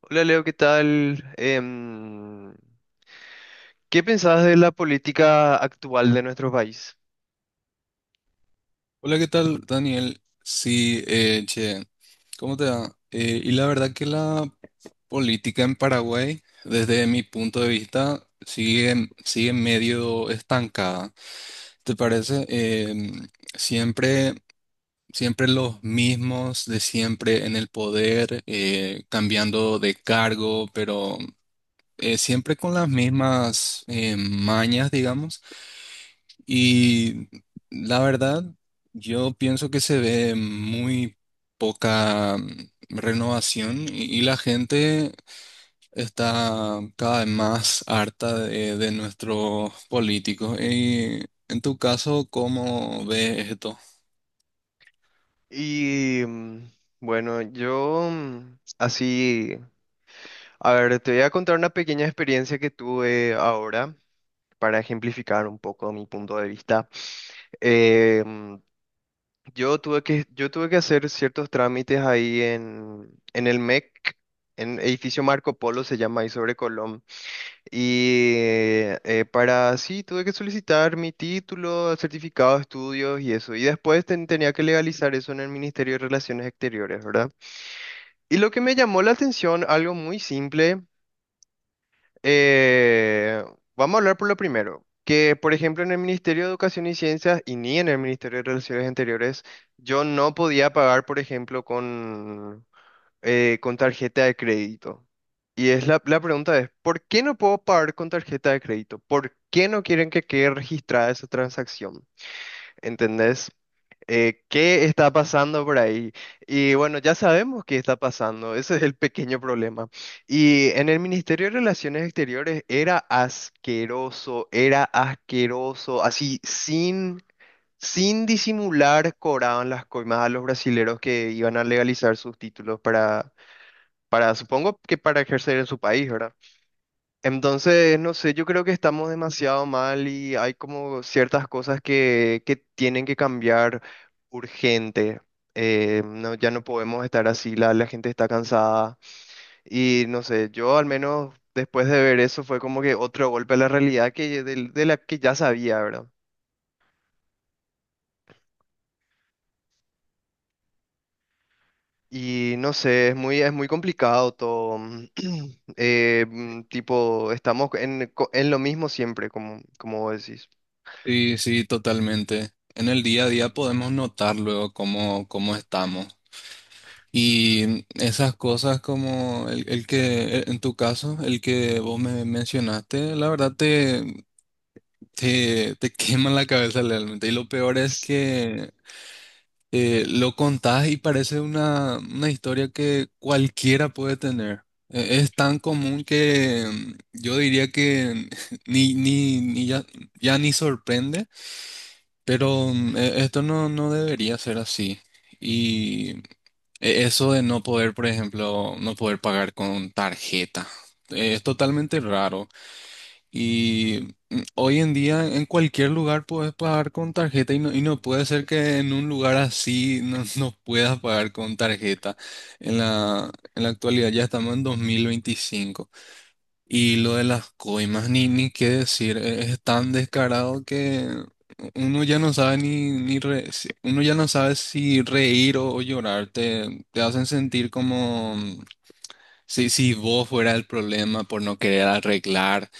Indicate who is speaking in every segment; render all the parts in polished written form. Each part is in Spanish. Speaker 1: Hola Leo, ¿qué tal? ¿Qué pensás de la política actual de nuestro país?
Speaker 2: Hola, ¿qué tal, Daniel? Sí, che, ¿cómo te va? Y la verdad que la política en Paraguay, desde mi punto de vista, sigue medio estancada. ¿Te parece? Siempre, siempre los mismos de siempre en el poder, cambiando de cargo, pero siempre con las mismas mañas, digamos. Y la verdad, yo pienso que se ve muy poca renovación y la gente está cada vez más harta de nuestros políticos. Y en tu caso, ¿cómo ves esto?
Speaker 1: Y mm, bueno, así, a ver, te voy a contar una pequeña experiencia que tuve ahora para ejemplificar un poco mi punto de vista. Em, yo tuve que hacer ciertos trámites ahí en el MEC, en edificio Marco Polo se llama ahí sobre Colón. Y para sí, tuve que solicitar mi título, certificado de estudios y eso. Y después tenía que legalizar eso en el Ministerio de Relaciones Exteriores, ¿verdad? Y lo que me llamó la atención, algo muy simple, eh, vamos a hablar por lo primero, que por ejemplo en el Ministerio de Educación y Ciencias y ni en el Ministerio de Relaciones Exteriores, yo no podía pagar, por ejemplo, con tarjeta de crédito. Y es la pregunta es, ¿por qué no puedo pagar con tarjeta de crédito? ¿Por qué no quieren que quede registrada esa transacción? ¿Entendés? ¿Qué está pasando por ahí? Y bueno, ya sabemos qué está pasando, ese es el pequeño problema. Y en el Ministerio de Relaciones Exteriores era asqueroso, así sin disimular cobraban las coimas a los brasileros que iban a legalizar sus títulos para para supongo que para ejercer en su país, ¿verdad? Entonces, no sé, yo creo que estamos demasiado mal y hay como ciertas cosas que tienen que cambiar urgente. No, ya no podemos estar así, la gente está cansada y no sé, yo al menos después de ver eso fue como que otro golpe a la realidad de la que ya sabía, ¿verdad? Y no sé, es es muy complicado todo. Tipo, estamos en, en lo mismo siempre, como vos decís.
Speaker 2: Sí, sí, totalmente. En el día a día podemos notar luego cómo estamos. Y esas cosas como en tu caso, el que vos me mencionaste, la verdad te quema la cabeza realmente. Y lo peor es que lo contás y parece una historia que cualquiera puede tener. Es tan común que yo diría que ni ya, ya ni sorprende, pero esto no, no debería ser así. Y eso de no poder, por ejemplo, no poder pagar con tarjeta, es totalmente raro. Y hoy en día en cualquier lugar puedes pagar con tarjeta y no puede ser que en un lugar así no, no puedas pagar con tarjeta. En en la actualidad ya estamos en 2025. Y lo de las coimas, ni qué decir, es tan descarado que uno ya no sabe ni, ni re- si- uno ya no sabe si reír o llorar. Te hacen sentir como si vos fuera el problema por no querer arreglar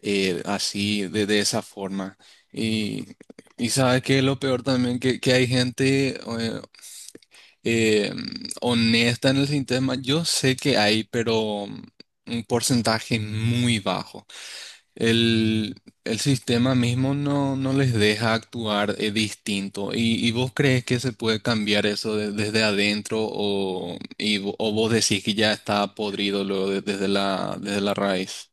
Speaker 2: de esa forma. Y, y sabes que lo peor también, que hay gente eh, honesta en el sistema. Yo sé que hay, pero un porcentaje muy bajo. El, el sistema mismo no les deja actuar distinto. Y vos crees que se puede cambiar eso desde adentro o, o vos decís que ya está podrido luego desde la raíz?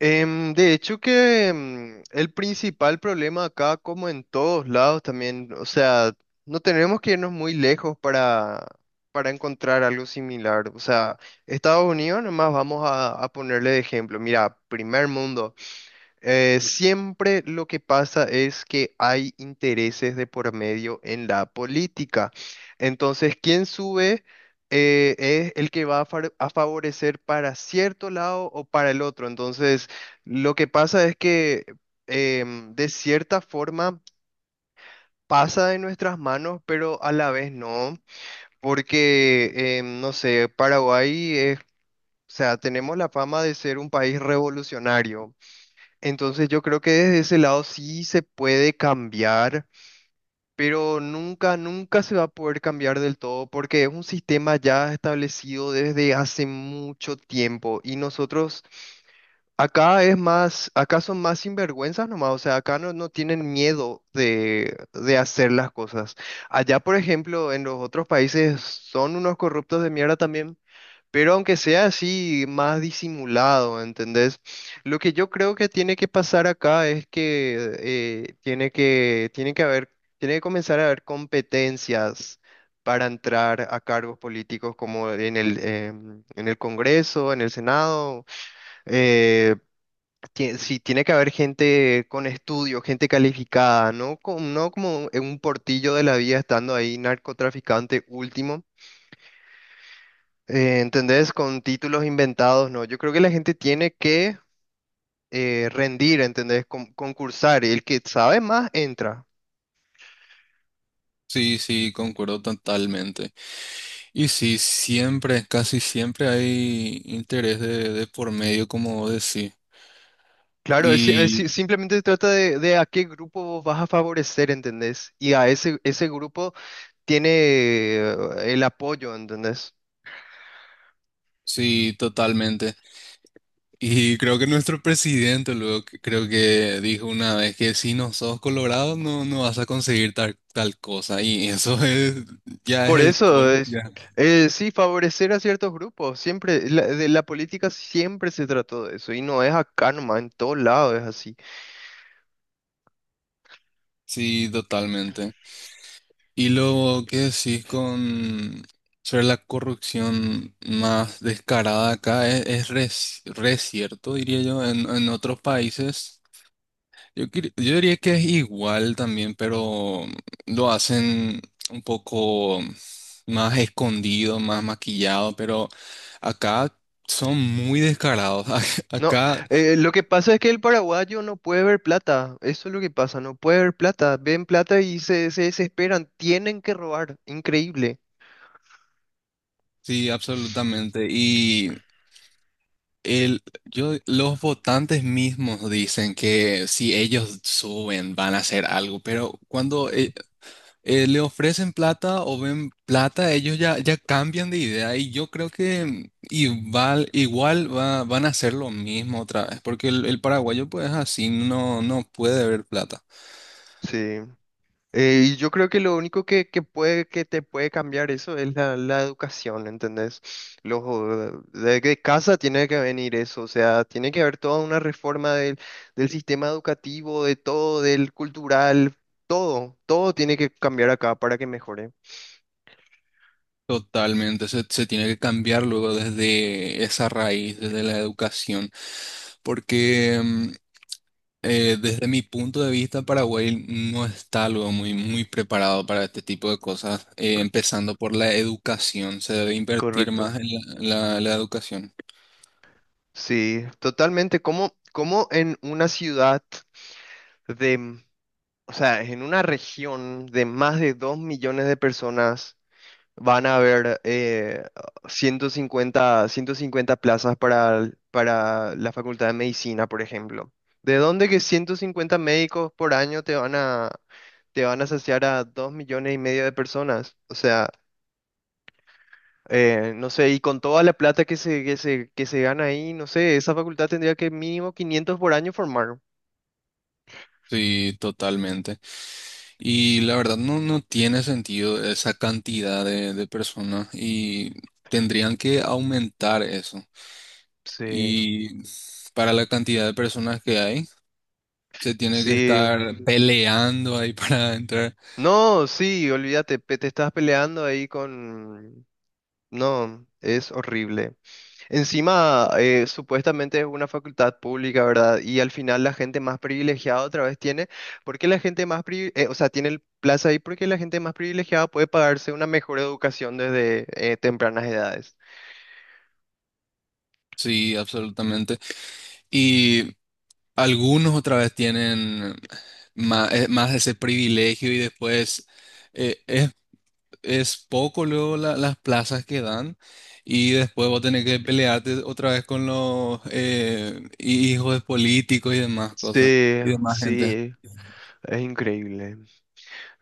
Speaker 1: De hecho que el principal problema acá, como en todos lados también, o sea, no tenemos que irnos muy lejos para encontrar algo similar. O sea, Estados Unidos, nomás vamos a ponerle de ejemplo. Mira, primer mundo. Siempre lo que pasa es que hay intereses de por medio en la política. Entonces, quien sube es el que va a, a favorecer para cierto lado o para el otro. Entonces, lo que pasa es que de cierta forma pasa de nuestras manos, pero a la vez no, porque, no sé, Paraguay es... O sea, tenemos la fama de ser un país revolucionario, entonces yo creo que desde ese lado sí se puede cambiar, pero nunca, nunca se va a poder cambiar del todo porque es un sistema ya establecido desde hace mucho tiempo y nosotros acá es más, acá son más sinvergüenzas nomás, o sea, acá no, no tienen miedo de hacer las cosas. Allá, por ejemplo, en los otros países son unos corruptos de mierda también pero aunque sea así, más disimulado, ¿entendés? Lo que yo creo que tiene que pasar acá es que tiene que haber, tiene que comenzar a haber competencias para entrar a cargos políticos como en el, en el Congreso, en el Senado. eh, sí, tiene que haber gente con estudio, gente calificada, ¿no? No como en un portillo de la vida estando ahí narcotraficante último, ¿entendés? Con títulos inventados, no. Yo creo que la gente tiene que rendir, ¿entendés? Concursar. Y el que sabe más entra.
Speaker 2: Sí, sí, concuerdo totalmente. Y sí, siempre, casi siempre hay interés de por medio, como vos decís.
Speaker 1: Claro, es si-
Speaker 2: Y
Speaker 1: simplemente se trata de a qué grupo vos vas a favorecer, ¿entendés? Y a ese grupo tiene el apoyo, ¿entendés?
Speaker 2: sí, totalmente. Y creo que nuestro presidente luego creo que dijo una vez que si no sos colorado no, no vas a conseguir tal cosa. Y eso es, ya es
Speaker 1: Por
Speaker 2: el
Speaker 1: eso
Speaker 2: colmo,
Speaker 1: es,
Speaker 2: ya.
Speaker 1: sí, favorecer a ciertos grupos. Siempre, de la política siempre se trató de eso. Y no es acá nomás, en todos lados es así.
Speaker 2: Sí, totalmente. Y lo que decís con sobre la corrupción más descarada acá re cierto, diría yo, en otros países. Yo, yo diría que es igual también, pero lo hacen un poco más escondido, más maquillado, pero acá son muy descarados.
Speaker 1: No,
Speaker 2: Acá
Speaker 1: lo que pasa es que el paraguayo no puede ver plata, eso es lo que pasa, no puede ver plata, ven plata y se desesperan, tienen que robar, increíble.
Speaker 2: sí, absolutamente. El, yo, los votantes mismos dicen que si ellos suben van a hacer algo, pero cuando le ofrecen plata o ven plata, ellos ya, ya cambian de idea y yo creo que igual, van a hacer lo mismo otra vez, porque el paraguayo pues así no, no puede ver plata.
Speaker 1: Sí. Y yo creo que lo único que te puede cambiar eso es la educación, ¿entendés? De casa tiene que venir eso, o sea, tiene que haber toda una reforma del, del sistema educativo, de todo, del cultural, todo, todo tiene que cambiar acá para que mejore.
Speaker 2: Totalmente, se tiene que cambiar luego desde esa raíz, desde la educación, porque... desde mi punto de vista, Paraguay no está algo muy preparado para este tipo de cosas, empezando por la educación. Se debe invertir más
Speaker 1: Correcto.
Speaker 2: en la educación.
Speaker 1: Sí, totalmente. Como en una ciudad de, mm, o sea, en una región de más de 2.000.000 de personas van a haber 150 150 plazas para, para la Facultad de Medicina, ¿por ejemplo? ¿De dónde que 150 médicos por año te van a saciar a 2.500.000 de personas? O sea, no sé, y con toda la plata que se gana ahí, no sé, esa facultad tendría que mínimo 500 por año formar.
Speaker 2: Sí, totalmente. Y la verdad no, no tiene sentido esa cantidad de personas y tendrían que aumentar eso.
Speaker 1: Sí,
Speaker 2: Y para la cantidad de personas que hay, se tiene que
Speaker 1: sí.
Speaker 2: estar peleando ahí para entrar.
Speaker 1: No, sí, olvídate, te estás peleando ahí con... No, es horrible. Encima, supuestamente es una facultad pública, ¿verdad? Y al final la gente más privilegiada otra vez tiene, porque la gente más o sea, tiene el plaza ahí porque la gente más privilegiada puede pagarse una mejor educación desde tempranas edades.
Speaker 2: Sí, absolutamente. Y algunos otra vez tienen más, ese privilegio y después eh, es, es poco luego las plazas que dan y después vos tenés que pelearte otra vez con los hijos de políticos y demás cosas
Speaker 1: Sí,
Speaker 2: y demás gente.
Speaker 1: sí. Es increíble.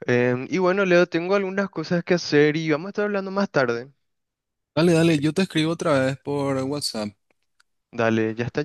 Speaker 1: Y bueno, Leo, tengo algunas cosas que hacer y vamos a estar hablando más tarde.
Speaker 2: Dale, dale, yo te escribo otra vez por WhatsApp.
Speaker 1: Dale, ya está.